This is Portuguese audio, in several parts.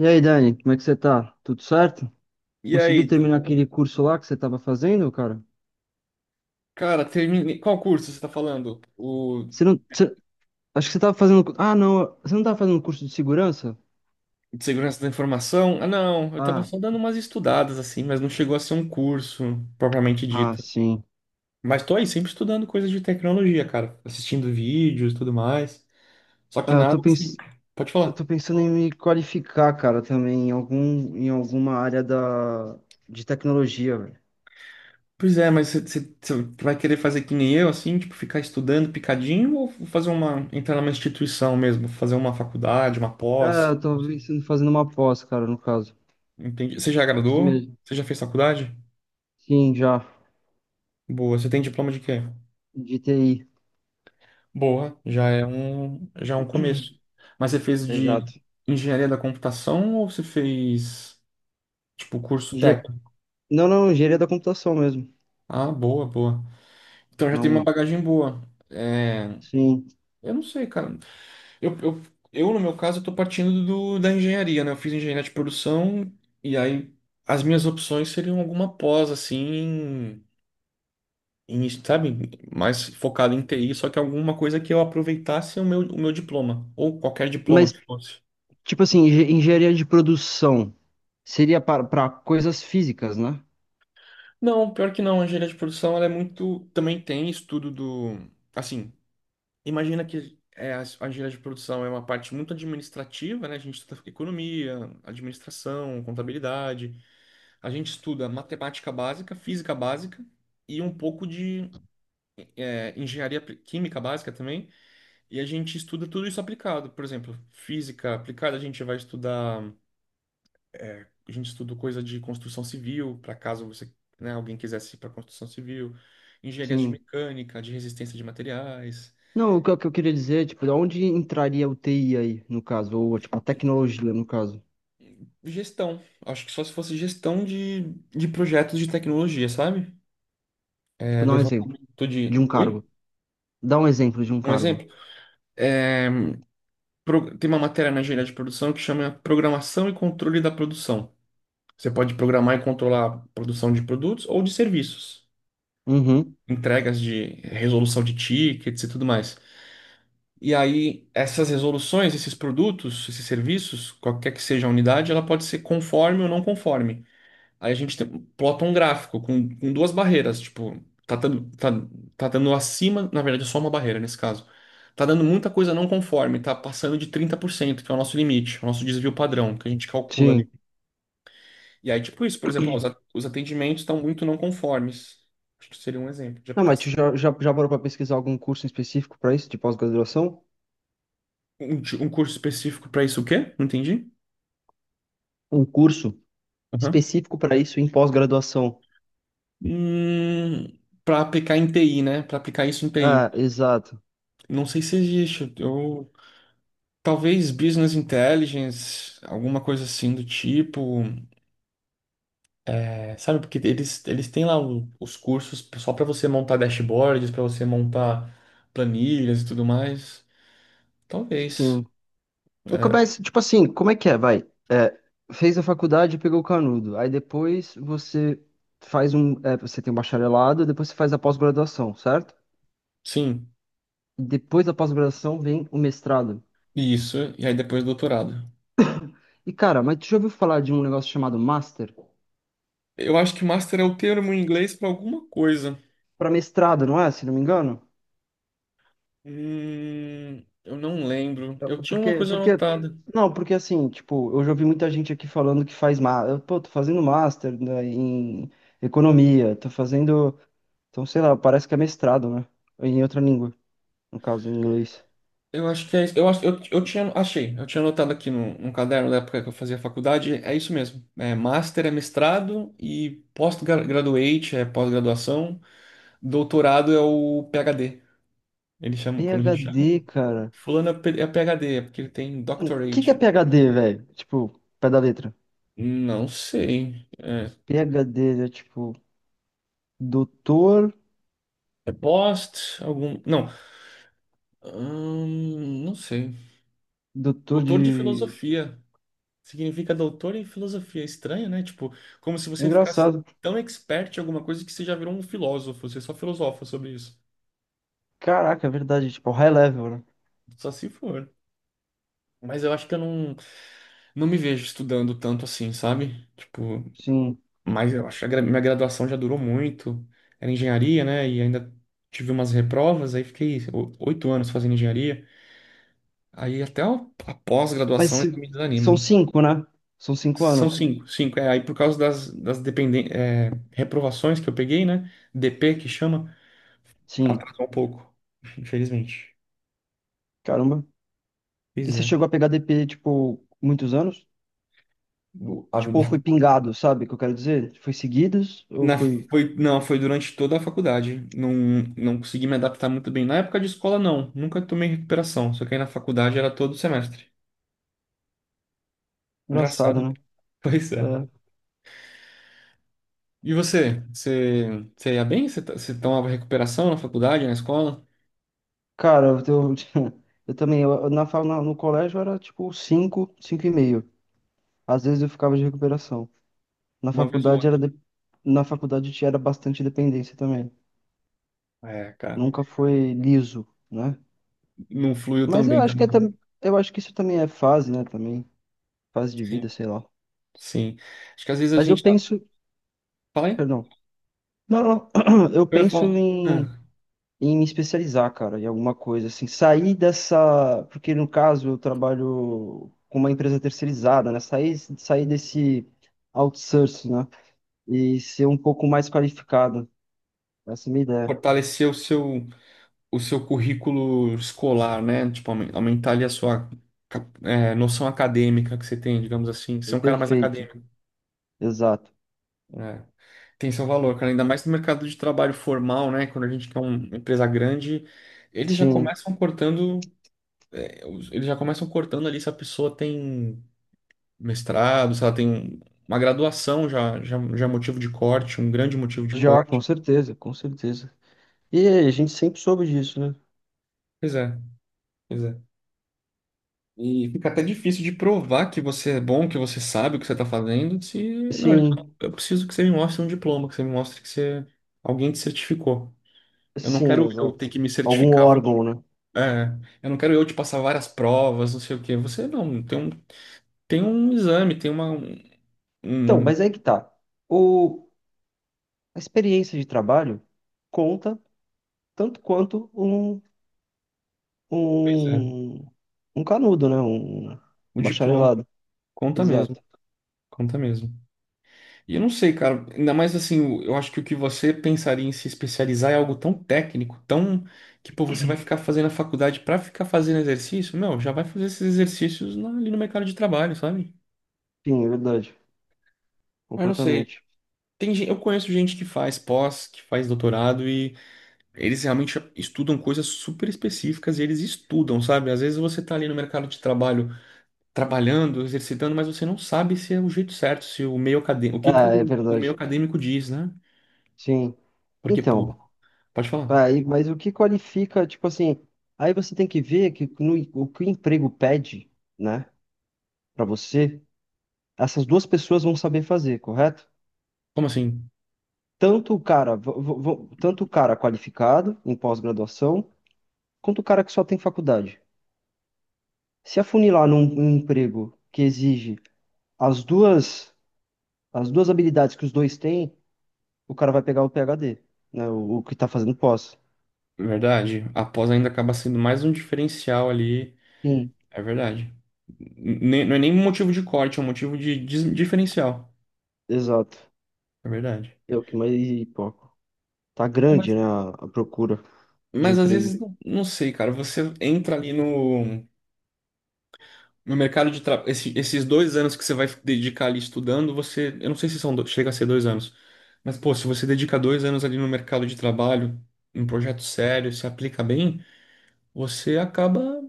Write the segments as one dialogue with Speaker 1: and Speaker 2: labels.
Speaker 1: E aí, Dani, como é que você tá? Tudo certo?
Speaker 2: E
Speaker 1: Conseguiu
Speaker 2: aí,
Speaker 1: terminar aquele curso lá que você tava fazendo, cara?
Speaker 2: cara, terminei. Qual curso você tá falando? O
Speaker 1: Você não. Acho que você tava fazendo. Ah, não. Você não tava fazendo curso de segurança?
Speaker 2: de segurança da informação? Ah, não, eu tava
Speaker 1: Ah,
Speaker 2: só dando umas estudadas assim, mas não chegou a ser um curso propriamente
Speaker 1: ah,
Speaker 2: dito.
Speaker 1: sim.
Speaker 2: Mas tô aí sempre estudando coisas de tecnologia, cara, assistindo vídeos e tudo mais. Só
Speaker 1: Ah,
Speaker 2: que
Speaker 1: eu tô
Speaker 2: nada assim.
Speaker 1: pens...
Speaker 2: Pode
Speaker 1: eu
Speaker 2: falar.
Speaker 1: tô pensando em me qualificar, cara, também em algum... em alguma área da... de tecnologia, velho.
Speaker 2: Pois é, mas você vai querer fazer que nem eu, assim, tipo, ficar estudando picadinho ou fazer uma, entrar numa instituição mesmo, fazer uma faculdade, uma
Speaker 1: Ah,
Speaker 2: pós?
Speaker 1: eu
Speaker 2: Não
Speaker 1: tô
Speaker 2: sei.
Speaker 1: pensando em fazer uma pós, cara, no caso.
Speaker 2: Entendi. Você já
Speaker 1: Aqui
Speaker 2: graduou?
Speaker 1: mesmo.
Speaker 2: Você já fez faculdade?
Speaker 1: Sim, já.
Speaker 2: Boa, você tem diploma de quê?
Speaker 1: De T I.
Speaker 2: Boa, já é um começo. Mas você fez de
Speaker 1: Exato.
Speaker 2: engenharia da computação ou você fez, tipo, curso
Speaker 1: Engen-
Speaker 2: técnico?
Speaker 1: Não, não, engenharia da computação mesmo.
Speaker 2: Ah, boa, boa. Então já tem uma
Speaker 1: Não,
Speaker 2: bagagem boa. É,
Speaker 1: sim.
Speaker 2: eu não sei, cara. Eu, eu, eu, no meu caso, eu tô partindo da engenharia, né? Eu fiz engenharia de produção e aí as minhas opções seriam alguma pós, assim, em, sabe, mais focado em TI, só que alguma coisa que eu aproveitasse o meu diploma, ou qualquer diploma
Speaker 1: Mas
Speaker 2: que fosse.
Speaker 1: tipo assim, engenharia de produção seria para coisas físicas, né?
Speaker 2: Não, pior que não. A engenharia de produção, ela é muito. Também tem estudo do. Assim, imagina que é, a engenharia de produção é uma parte muito administrativa, né? A gente estuda economia, administração, contabilidade. A gente estuda matemática básica, física básica e um pouco de química básica também. E a gente estuda tudo isso aplicado. Por exemplo, física aplicada, a gente vai estudar. A gente estudou coisa de construção civil, para caso você, né, alguém quisesse ir para construção civil, engenharia de
Speaker 1: Sim.
Speaker 2: mecânica, de resistência de materiais,
Speaker 1: Não, o que, o que eu queria dizer é, tipo, onde entraria o TI aí, no caso, ou tipo, a tecnologia, no caso.
Speaker 2: gestão. Acho que só se fosse gestão de projetos de tecnologia, sabe? É,
Speaker 1: Tipo, dá um exemplo
Speaker 2: levantamento
Speaker 1: de
Speaker 2: de.
Speaker 1: um
Speaker 2: Oi?
Speaker 1: cargo. Dá um exemplo de um
Speaker 2: Um
Speaker 1: cargo.
Speaker 2: exemplo? É, tem uma matéria na engenharia de produção que chama Programação e Controle da Produção. Você pode programar e controlar a produção de produtos ou de serviços,
Speaker 1: Uhum.
Speaker 2: entregas de resolução de tickets e tudo mais. E aí, essas resoluções, esses produtos, esses serviços, qualquer que seja a unidade, ela pode ser conforme ou não conforme. Aí a gente plota um gráfico com duas barreiras, tipo, tá dando acima, na verdade é só uma barreira nesse caso. Tá dando muita coisa não conforme, tá passando de 30%, que é o nosso limite, é o nosso desvio padrão, que a gente calcula ali.
Speaker 1: Sim.
Speaker 2: E aí, tipo isso, por exemplo, ó, os atendimentos estão muito não conformes. Acho que seria um exemplo de
Speaker 1: Não, mas tu
Speaker 2: aplicação.
Speaker 1: já parou pra pesquisar algum curso específico pra isso, de pós-graduação?
Speaker 2: Um curso específico para isso, o quê? Não entendi.
Speaker 1: Um curso específico pra isso em pós-graduação.
Speaker 2: Hum, para aplicar em TI, né? Para aplicar isso em
Speaker 1: Ah,
Speaker 2: TI.
Speaker 1: exato.
Speaker 2: Não sei se existe. Eu, talvez business intelligence, alguma coisa assim do tipo. É, sabe, porque eles têm lá os cursos só para você montar dashboards, para você montar planilhas e tudo mais. Talvez.
Speaker 1: Sim. Eu
Speaker 2: É,
Speaker 1: começo, tipo assim, como é que é? Vai. É, fez a faculdade, pegou o canudo. Aí depois você faz um. É, você tem um bacharelado, depois você faz a pós-graduação, certo?
Speaker 2: sim,
Speaker 1: E depois da pós-graduação vem o mestrado.
Speaker 2: isso. E aí depois doutorado.
Speaker 1: E cara, mas tu já ouviu falar de um negócio chamado master?
Speaker 2: Eu acho que master é o termo em inglês para alguma coisa.
Speaker 1: Para mestrado, não é? Se não me engano?
Speaker 2: Eu não lembro.
Speaker 1: Eu-
Speaker 2: Eu tinha uma
Speaker 1: Porque,
Speaker 2: coisa
Speaker 1: porque.
Speaker 2: anotada.
Speaker 1: Não, porque assim, tipo, eu já ouvi muita gente aqui falando que faz. Eu, pô, tô fazendo master, né, em economia, tô fazendo. Então, sei lá, parece que é mestrado, né? Em outra língua, no caso em inglês.
Speaker 2: Eu acho que é isso. Eu, acho- eu tinha, achei, eu tinha anotado aqui no, num caderno da época que eu fazia faculdade, é isso mesmo. É, master é mestrado e post-graduate é pós-graduação, doutorado é o PhD. Eles chamam, quando a gente chama,
Speaker 1: PhD, cara.
Speaker 2: fulano é PhD, é porque ele tem
Speaker 1: O que que é
Speaker 2: doctorate.
Speaker 1: PhD, velho? Tipo, pé da letra.
Speaker 2: Não sei. É,
Speaker 1: PhD é tipo, doutor,
Speaker 2: é post, algum. Não. Não sei.
Speaker 1: doutor
Speaker 2: Doutor de
Speaker 1: de.
Speaker 2: filosofia. Significa doutor em filosofia. Estranho, né? Tipo, como se você ficasse
Speaker 1: Engraçado.
Speaker 2: tão expert em alguma coisa que você já virou um filósofo. Você só filosofa sobre isso.
Speaker 1: Caraca, é verdade, tipo, high level, né?
Speaker 2: Só se for. Mas eu acho que eu não me vejo estudando tanto assim, sabe? Tipo,
Speaker 1: Sim.
Speaker 2: mas eu acho que minha graduação já durou muito. Era engenharia, né? E ainda tive umas reprovas. Aí fiquei 8 anos fazendo engenharia. Aí até a
Speaker 1: Mas
Speaker 2: pós-graduação já
Speaker 1: se-
Speaker 2: me desanima.
Speaker 1: São cinco, né? São cinco
Speaker 2: São
Speaker 1: anos.
Speaker 2: cinco, cinco. É, aí por causa das reprovações que eu peguei, né? DP que chama.
Speaker 1: Sim.
Speaker 2: Atrasou um pouco, infelizmente.
Speaker 1: Caramba. E
Speaker 2: Pois
Speaker 1: você
Speaker 2: é.
Speaker 1: chegou a pegar DP, tipo, muitos anos?
Speaker 2: Do- a
Speaker 1: Tipo, ou foi pingado, sabe o que eu quero dizer? Foi seguidos ou
Speaker 2: Na,
Speaker 1: foi.
Speaker 2: foi, não, foi durante toda a faculdade. Não, não consegui me adaptar muito bem. Na época de escola, não. Nunca tomei recuperação. Só que aí na faculdade era todo semestre.
Speaker 1: Engraçado,
Speaker 2: Engraçado.
Speaker 1: né?
Speaker 2: Pois é. E você? Você ia bem? Você tomava recuperação na faculdade, na escola?
Speaker 1: Cara, eu também, eu, na, fa- na- no colégio era tipo 5, 5 e meio. Às vezes eu ficava de recuperação. Na
Speaker 2: Uma vez ou
Speaker 1: faculdade
Speaker 2: outra.
Speaker 1: era de- Na faculdade tinha era bastante dependência também.
Speaker 2: É, cara.
Speaker 1: Nunca foi liso, né?
Speaker 2: Não fluiu tão
Speaker 1: Mas eu
Speaker 2: bem
Speaker 1: acho que é,
Speaker 2: também.
Speaker 1: eu acho que isso também é fase, né, também, fase de vida,
Speaker 2: Sim.
Speaker 1: sei lá.
Speaker 2: Sim. Acho que às vezes a
Speaker 1: Mas eu
Speaker 2: gente.
Speaker 1: penso,
Speaker 2: Fala aí.
Speaker 1: perdão. Não, não, eu
Speaker 2: Eu ia
Speaker 1: penso
Speaker 2: falar.
Speaker 1: em
Speaker 2: Ah,
Speaker 1: me especializar, cara, em alguma coisa, assim, sair dessa, porque no caso eu trabalho com uma empresa terceirizada, né? Sair desse outsourcing, né? E ser um pouco mais qualificado. Essa é a minha ideia.
Speaker 2: fortaleceu o seu currículo escolar, né? Tipo, aumentar ali a sua noção acadêmica que você tem, digamos assim. Ser
Speaker 1: É
Speaker 2: um cara mais
Speaker 1: perfeito.
Speaker 2: acadêmico,
Speaker 1: Exato.
Speaker 2: né? Tem seu valor, cara. Ainda mais no mercado de trabalho formal, né? Quando a gente quer uma empresa grande, eles já
Speaker 1: Sim.
Speaker 2: começam cortando ali se a pessoa tem mestrado, se ela tem uma graduação já é motivo de corte, um grande motivo de
Speaker 1: Já, com
Speaker 2: corte.
Speaker 1: certeza, com certeza. E a gente sempre soube disso, né?
Speaker 2: Pois é, pois é. E fica até difícil de provar que você é bom, que você sabe o que você está fazendo, se. Não, ele fala,
Speaker 1: Sim,
Speaker 2: eu preciso que você me mostre um diploma, que você me mostre que você. Alguém te certificou. Eu não
Speaker 1: sim,
Speaker 2: quero eu ter
Speaker 1: exato.
Speaker 2: que me
Speaker 1: Algum
Speaker 2: certificar.
Speaker 1: órgão, né?
Speaker 2: É, eu não quero eu te passar várias provas, não sei o quê. Você não, tem um exame, tem uma. Um,
Speaker 1: Então,
Speaker 2: um,
Speaker 1: mas aí que tá. O, a experiência de trabalho conta tanto quanto um
Speaker 2: pois é,
Speaker 1: um, um canudo, né?
Speaker 2: um
Speaker 1: Um
Speaker 2: diploma.
Speaker 1: bacharelado.
Speaker 2: Conta mesmo,
Speaker 1: Exato.
Speaker 2: conta mesmo. E eu não sei, cara, ainda mais assim, eu acho que o que você pensaria em se especializar é algo tão técnico, tão que, pô, você vai ficar fazendo a faculdade pra ficar fazendo exercício? Meu, já vai fazer esses exercícios ali no mercado de trabalho, sabe?
Speaker 1: Sim, é verdade.
Speaker 2: Mas não sei.
Speaker 1: Completamente.
Speaker 2: Eu conheço gente que faz pós, que faz doutorado, e eles realmente estudam coisas super específicas e eles estudam, sabe? Às vezes você tá ali no mercado de trabalho trabalhando, exercitando, mas você não sabe se é o jeito certo, se o meio acadêmico, o que que
Speaker 1: Ah, é
Speaker 2: o meio
Speaker 1: verdade.
Speaker 2: acadêmico diz, né?
Speaker 1: Sim.
Speaker 2: Porque, pô,
Speaker 1: Então,
Speaker 2: pode falar.
Speaker 1: aí, mas o que qualifica, tipo assim, aí você tem que ver que o que o emprego pede, né, pra você, essas duas pessoas vão saber fazer, correto?
Speaker 2: Como assim?
Speaker 1: Tanto o cara, tanto o cara qualificado em pós-graduação, quanto o cara que só tem faculdade. Se afunilar num emprego que exige as duas as duas habilidades que os dois têm, o cara vai pegar o PhD, né? O que tá fazendo pós.
Speaker 2: Verdade. A pós ainda acaba sendo mais um diferencial ali.
Speaker 1: Sim,
Speaker 2: É verdade. Não é nem um motivo de corte, é um motivo de diferencial.
Speaker 1: exato.
Speaker 2: É verdade.
Speaker 1: É o que mais, pô, tá
Speaker 2: É,
Speaker 1: grande,
Speaker 2: Mas,
Speaker 1: né, a procura de
Speaker 2: mas às
Speaker 1: emprego.
Speaker 2: vezes, não sei, cara. Você entra ali no mercado de trabalho. Esses 2 anos que você vai dedicar ali estudando, você. Eu não sei se chega a ser 2 anos. Mas, pô, se você dedica 2 anos ali no mercado de trabalho, em um projeto sério, se aplica bem, você acaba.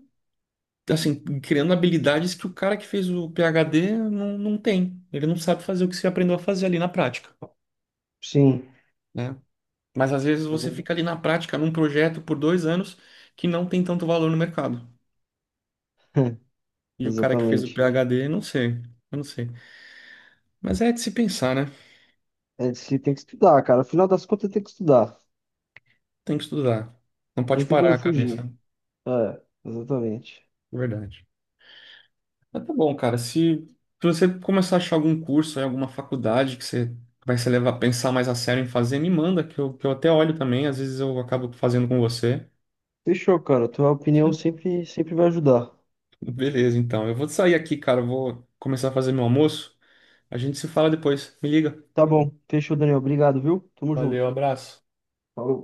Speaker 2: Assim, criando habilidades que o cara que fez o PhD não tem. Ele não sabe fazer o que você aprendeu a fazer ali na prática,
Speaker 1: Sim,
Speaker 2: né? Mas às vezes você fica ali na prática, num projeto por 2 anos que não tem tanto valor no mercado. E o cara que fez o
Speaker 1: exatamente.
Speaker 2: PhD, não sei, eu não sei. Mas é de se pensar, né?
Speaker 1: É, você tem que estudar, cara. Afinal das contas, tem que estudar.
Speaker 2: Tem que estudar. Não pode
Speaker 1: Não tem
Speaker 2: parar
Speaker 1: como
Speaker 2: a
Speaker 1: fugir.
Speaker 2: cabeça, né?
Speaker 1: É, exatamente.
Speaker 2: É verdade. Mas tá bom, cara. Se, você começar a achar algum curso, aí, alguma faculdade que você vai se levar a pensar mais a sério em fazer, me manda, que eu até olho também. Às vezes eu acabo fazendo com você.
Speaker 1: Fechou, cara. Tua opinião sempre vai ajudar.
Speaker 2: Beleza, então. Eu vou sair aqui, cara. Eu vou começar a fazer meu almoço. A gente se fala depois. Me liga.
Speaker 1: Tá bom. Fechou, Daniel. Obrigado, viu? Tamo
Speaker 2: Valeu,
Speaker 1: junto.
Speaker 2: abraço.
Speaker 1: Falou.